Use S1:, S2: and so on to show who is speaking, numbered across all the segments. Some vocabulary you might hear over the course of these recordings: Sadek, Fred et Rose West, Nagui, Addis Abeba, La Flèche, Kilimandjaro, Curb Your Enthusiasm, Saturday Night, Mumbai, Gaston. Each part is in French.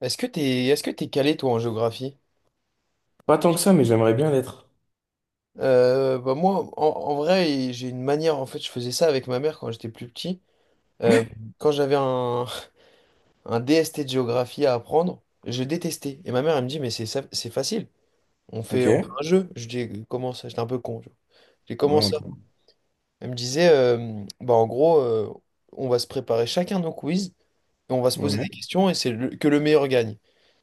S1: Est-ce que t'es calé toi en géographie?
S2: Pas tant que ça, mais j'aimerais bien l'être.
S1: Bah moi, en, en vrai, j'ai une manière. En fait, je faisais ça avec ma mère quand j'étais plus petit. Euh, quand j'avais un, un DST de géographie à apprendre, je détestais. Et ma mère, elle me dit, mais c'est facile.
S2: Ok.
S1: On fait
S2: Ouais,
S1: un jeu. Je dis, comment ça? J'étais un peu con, tu vois. J'ai
S2: un
S1: commencé.
S2: peu.
S1: Elle me disait, bah en gros, on va se préparer chacun nos quiz et on va se poser
S2: Ouais,
S1: des questions et que le meilleur gagne.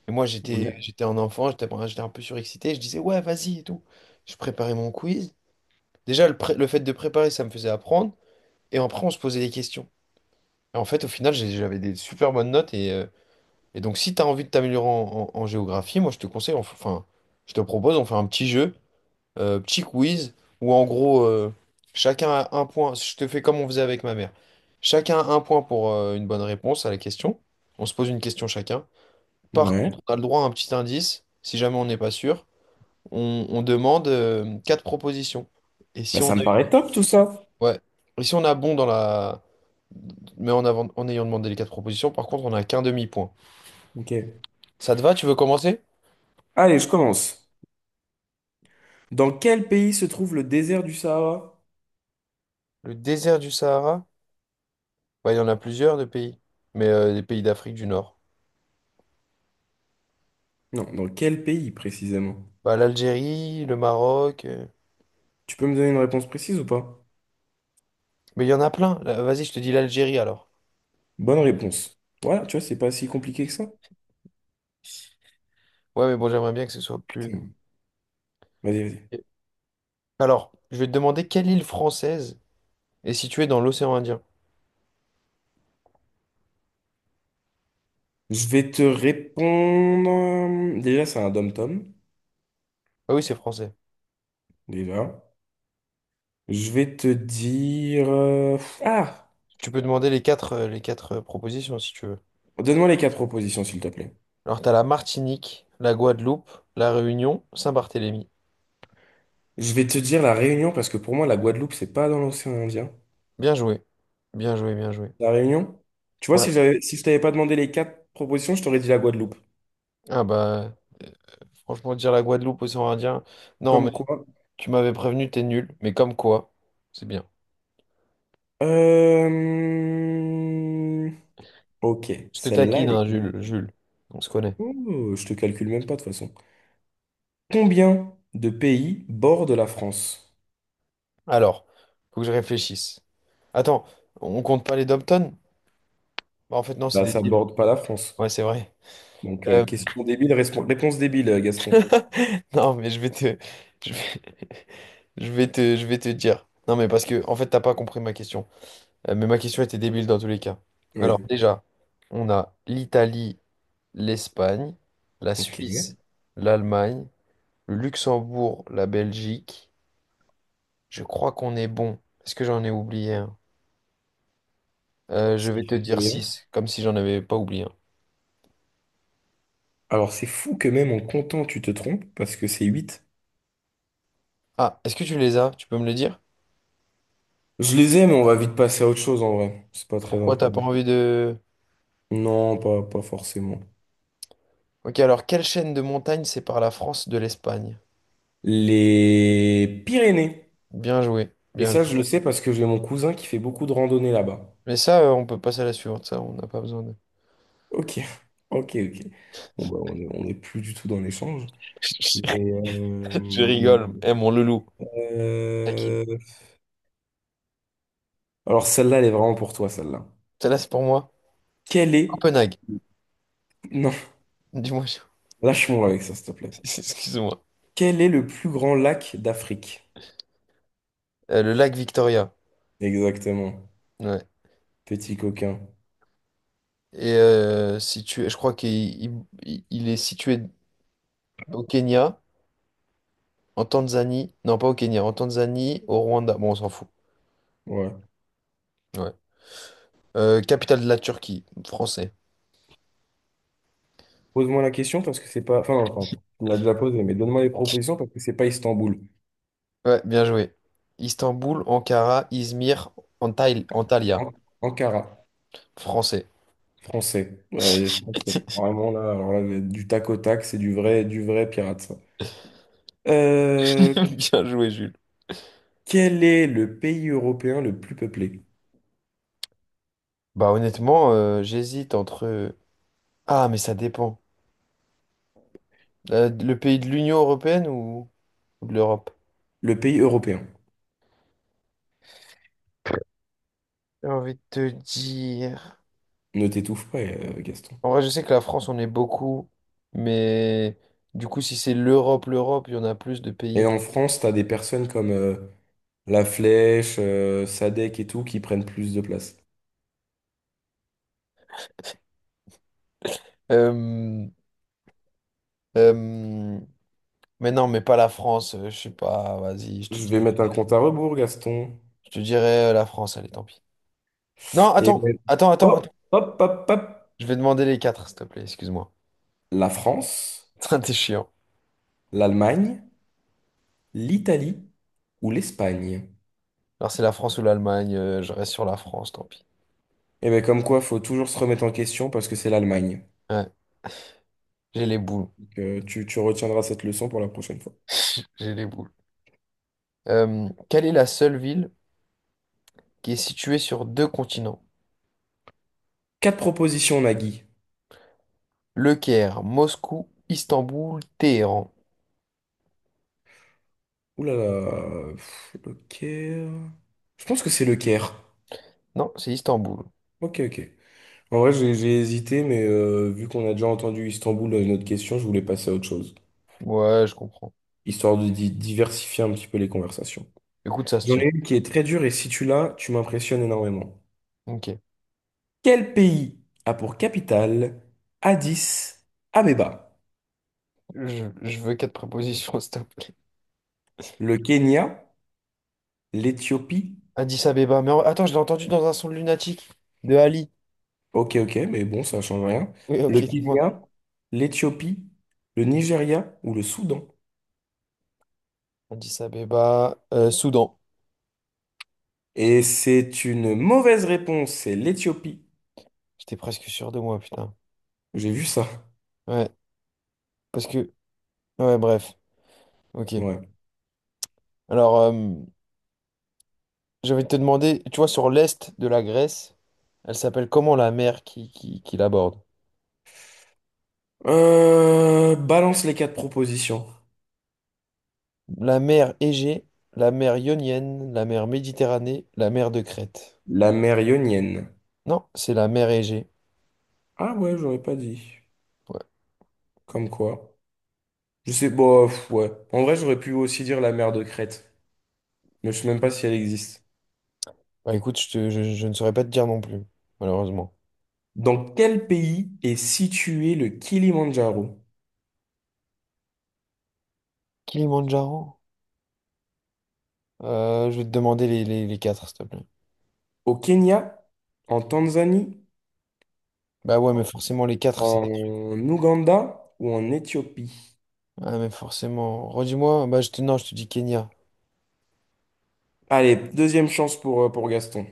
S1: Et moi,
S2: ouais,
S1: j'étais un enfant, j'étais enfin, j'étais un peu surexcité, je disais, ouais, vas-y et tout. Je préparais mon quiz. Déjà, le fait de préparer, ça me faisait apprendre. Et après, on se posait des questions. Et en fait, au final, j'avais des super bonnes notes. Et donc, si tu as envie de t'améliorer en géographie, moi, je te conseille, enfin, je te propose, on fait un petit jeu, petit quiz où en gros, chacun a un point. Je te fais comme on faisait avec ma mère. Chacun a un point pour une bonne réponse à la question. On se pose une question chacun. Par
S2: ouais.
S1: contre, on a le droit à un petit indice. Si jamais on n'est pas sûr, on demande quatre propositions. Et
S2: Bah,
S1: si on a,
S2: ça me paraît top tout ça.
S1: ouais. Et si on a bon dans la, mais en avant, en ayant demandé les quatre propositions, par contre, on n'a qu'un demi-point.
S2: Ok.
S1: Ça te va? Tu veux commencer?
S2: Allez, je commence. Dans quel pays se trouve le désert du Sahara?
S1: Le désert du Sahara? Ouais, il y en a plusieurs de pays, mais des pays d'Afrique du Nord.
S2: Non, dans quel pays précisément?
S1: Bah, l'Algérie, le Maroc,
S2: Tu peux me donner une réponse précise ou pas?
S1: mais il y en a plein. Là, vas-y, je te dis l'Algérie alors.
S2: Bonne réponse. Voilà, tu vois, c'est pas si compliqué que ça.
S1: Ouais, mais bon, j'aimerais bien que ce soit plus.
S2: Putain. Vas-y, vas-y.
S1: Alors, je vais te demander quelle île française est située dans l'océan Indien.
S2: Je vais te répondre. Déjà, c'est un dom-tom.
S1: Ah oui, c'est français.
S2: Déjà. Je vais te dire. Ah!
S1: Tu peux demander les quatre propositions si tu veux.
S2: Donne-moi les quatre propositions, s'il te plaît.
S1: Alors, t'as la Martinique, la Guadeloupe, la Réunion, Saint-Barthélemy.
S2: Je vais te dire la Réunion parce que pour moi, la Guadeloupe, c'est pas dans l'océan Indien.
S1: Bien joué. Bien joué, bien joué.
S2: La Réunion? Tu vois,
S1: Ouais.
S2: si je t'avais pas demandé les quatre propositions, je t'aurais dit la Guadeloupe.
S1: Ah bah, franchement, dire la Guadeloupe, océan Indien. Non, mais
S2: Comme quoi?
S1: tu m'avais prévenu, t'es nul. Mais comme quoi, c'est bien.
S2: Euh... Ok,
S1: Je te
S2: celle-là,
S1: taquine,
S2: elle est
S1: hein, Jules,
S2: compliquée.
S1: Jules. On se connaît.
S2: Oh, je te calcule même pas de toute façon. Combien de pays bordent la France?
S1: Alors, faut que je réfléchisse. Attends, on compte pas les Dobton? Bah, en fait, non, c'est
S2: Bah,
S1: des
S2: ça
S1: îles.
S2: borde pas la France.
S1: Ouais, c'est vrai.
S2: Donc,
S1: Euh,
S2: question débile, réponse débile, Gaston.
S1: non, mais je vais, je vais te dire. Non, mais parce que, en fait, t'as pas compris ma question. Mais ma question était débile dans tous les cas. Alors,
S2: Oui.
S1: déjà, on a l'Italie, l'Espagne, la
S2: Ok.
S1: Suisse, l'Allemagne, le Luxembourg, la Belgique. Je crois qu'on est bon. Est-ce que j'en ai oublié un? Je
S2: Ce
S1: vais
S2: qui
S1: te
S2: fait
S1: dire
S2: combien?
S1: 6, comme si j'en avais pas oublié.
S2: Alors, c'est fou que même en comptant, tu te trompes parce que c'est 8.
S1: Ah, est-ce que tu les as? Tu peux me le dire?
S2: Je les ai, mais on va vite passer à autre chose en vrai. C'est pas très
S1: Pourquoi t'as pas
S2: important.
S1: envie de…
S2: Non, pas forcément.
S1: Ok, alors quelle chaîne de montagne sépare la France de l'Espagne?
S2: Les Pyrénées.
S1: Bien joué,
S2: Et
S1: bien
S2: ça,
S1: joué.
S2: je le sais parce que j'ai mon cousin qui fait beaucoup de randonnées là-bas.
S1: Mais ça, on peut passer à la suivante, ça, on n'a pas besoin de…
S2: Ok, ok, ok. Bon, bah, on est plus du tout dans l'échange. Mais,
S1: Je rigole, eh mon loulou. Taquine.
S2: euh, alors, celle-là, elle est vraiment pour toi, celle-là.
S1: Celle-là, c'est pour moi.
S2: Quel est...
S1: Copenhague.
S2: Non,
S1: Dis-moi, je-
S2: lâche-moi avec ça, s'il te plaît.
S1: excuse-moi.
S2: Quel est le plus grand lac d'Afrique?
S1: Le lac Victoria.
S2: Exactement.
S1: Ouais.
S2: Petit coquin.
S1: Et situé, je crois qu'il il est situé au Kenya, en Tanzanie. Non, pas au Kenya, en Tanzanie, au Rwanda. Bon, on s'en fout.
S2: Ouais.
S1: Ouais. Capitale de la Turquie, français.
S2: Pose-moi la question parce que c'est pas. Enfin, tu me l'as déjà posé, mais donne-moi les propositions parce que c'est pas Istanbul.
S1: Ouais, bien joué. Istanbul, Ankara, Izmir, Antalya.
S2: An- Ankara,
S1: Français.
S2: français. Ouais, les français. Vraiment là, alors là, du tac au tac, c'est du vrai pirate, ça. Euh,
S1: Bien joué, Jules.
S2: Quel est le pays européen le plus peuplé?
S1: Bah honnêtement, j'hésite entre… Ah, mais ça dépend. Le pays de l'Union européenne ou de l'Europe?
S2: Le pays européen.
S1: J'ai envie de te dire…
S2: Ne t'étouffe pas, Gaston.
S1: En vrai, je sais que la France, on est beaucoup, mais du coup, si c'est l'Europe, l'Europe, il y en a plus de
S2: Et
S1: pays.
S2: en France, t'as des personnes comme La Flèche, Sadek et tout qui prennent plus de place.
S1: Euh, euh, Mais non, mais pas la France, je sais pas, vas-y,
S2: Je vais mettre un compte à rebours, Gaston.
S1: je te dirais la France, allez, tant pis. Non,
S2: Et hop,
S1: attends.
S2: hop, hop, hop.
S1: Je vais demander les quatre, s'il te plaît, excuse-moi.
S2: La France.
S1: T'es chiant.
S2: L'Allemagne, l'Italie ou l'Espagne?
S1: Alors, c'est la France ou l'Allemagne, je reste sur la France, tant pis.
S2: Et bien comme quoi, faut toujours se remettre en question parce que c'est l'Allemagne.
S1: Ouais, j'ai les boules.
S2: Donc, tu retiendras cette leçon pour la prochaine fois.
S1: J'ai les boules. Quelle est la seule ville qui est située sur deux continents?
S2: Quatre propositions, Nagui.
S1: Le Caire, Moscou, Istanbul, Téhéran.
S2: Ouh là là, le Caire. Je pense que c'est le Caire.
S1: Non, c'est Istanbul.
S2: Ok, ok. En vrai, j'ai hésité, mais vu qu'on a déjà entendu Istanbul dans une autre question, je voulais passer à autre chose,
S1: Ouais, je comprends.
S2: histoire de diversifier un petit peu les conversations.
S1: Écoute, ça se
S2: J'en
S1: tient.
S2: ai une qui est très dure et si tu l'as, tu m'impressionnes énormément.
S1: Ok.
S2: Quel pays a pour capitale Addis Abeba?
S1: Je veux quatre prépositions, s'il te plaît.
S2: Le Kenya, l'Éthiopie.
S1: Addis Abeba, mais attends, je l'ai entendu dans un son de lunatique de Ali.
S2: Ok, ok, mais bon, ça change rien.
S1: Oui, ok,
S2: Le
S1: dis-moi.
S2: Kenya, l'Éthiopie, le Nigeria ou le Soudan?
S1: Addis Abeba, Soudan.
S2: Et c'est une mauvaise réponse, c'est l'Éthiopie.
S1: J'étais presque sûr de moi, putain.
S2: J'ai vu ça.
S1: Ouais, parce que… Ouais, bref. Ok.
S2: Ouais.
S1: Alors, j'avais te demander, tu vois, sur l'est de la Grèce, elle s'appelle comment la mer qui l'aborde?
S2: Balance les quatre propositions.
S1: La mer Égée, la mer Ionienne, la mer Méditerranée, la mer de Crète.
S2: La mer Ionienne.
S1: Non, c'est la mer Égée.
S2: Ah ouais, j'aurais pas dit.
S1: Ouais.
S2: Comme quoi. Je sais, bof, ouais. En vrai, j'aurais pu aussi dire la mer de Crète, mais je sais même pas si elle existe.
S1: Bah écoute, je ne saurais pas te dire non plus, malheureusement.
S2: Dans quel pays est situé le Kilimandjaro?
S1: Kilimandjaro? Je vais te demander les quatre, s'il te plaît.
S2: Au Kenya, en Tanzanie,
S1: Bah ouais, mais forcément, les quatre, c'est des trucs.
S2: en Ouganda ou en Éthiopie?
S1: Ah, mais forcément. Redis-moi, bah je te… non, je te dis Kenya.
S2: Allez, deuxième chance pour Gaston.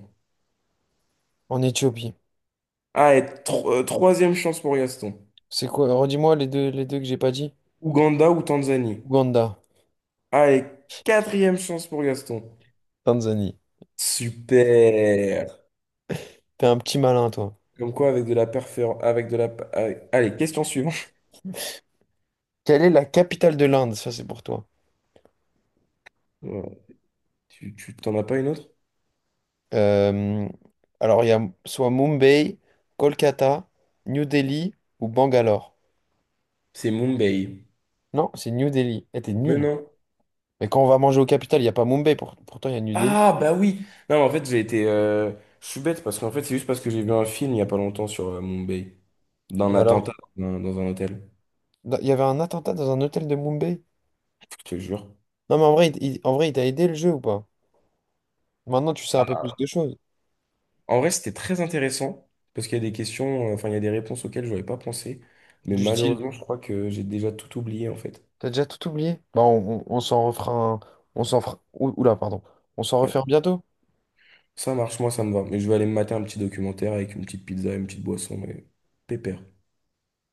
S1: En Éthiopie.
S2: Allez, troisième chance pour Gaston.
S1: C'est quoi? Redis-moi les deux que j'ai pas dit.
S2: Ouganda ou Tanzanie?
S1: Ouganda,
S2: Allez, quatrième chance pour Gaston.
S1: Tanzanie.
S2: Super.
S1: T'es un petit malin, toi.
S2: Comme quoi, avec de la perfor... avec de la... allez, question suivante.
S1: Quelle est la capitale de l'Inde? Ça, c'est pour toi.
S2: Voilà. Tu t'en as pas une autre?
S1: Euh, alors, il y a soit Mumbai, Kolkata, New Delhi ou Bangalore.
S2: C'est Mumbai.
S1: Non, c'est New Delhi. Eh, t'es
S2: Mais
S1: nul.
S2: non.
S1: Mais quand on va manger au capital, il n'y a pas Mumbai. Pourtant, il y a New Delhi.
S2: Ah bah oui. Non, en fait, j'ai été je suis bête parce qu'en fait, c'est juste parce que j'ai vu un film il y a pas longtemps sur Mumbai
S1: Et
S2: d'un attentat
S1: alors?
S2: dans un hôtel,
S1: Il y avait un attentat dans un hôtel de Mumbai?
S2: je te jure.
S1: Non, mais en vrai, en vrai, il t'a aidé le jeu ou pas? Maintenant, tu sais un peu plus de choses.
S2: En vrai, c'était très intéressant parce qu'il y a des questions, enfin il y a des réponses auxquelles j'aurais pas pensé, mais
S1: Du style.
S2: malheureusement, je crois que j'ai déjà tout oublié en fait.
S1: T'as déjà tout oublié? Bah, on s'en refera un… On s'en fera… Ouh- Oula, pardon. On s'en
S2: Ouais.
S1: refait un bientôt?
S2: Ça marche, moi ça me va, mais je vais aller me mater un petit documentaire avec une petite pizza et une petite boisson mais pépère.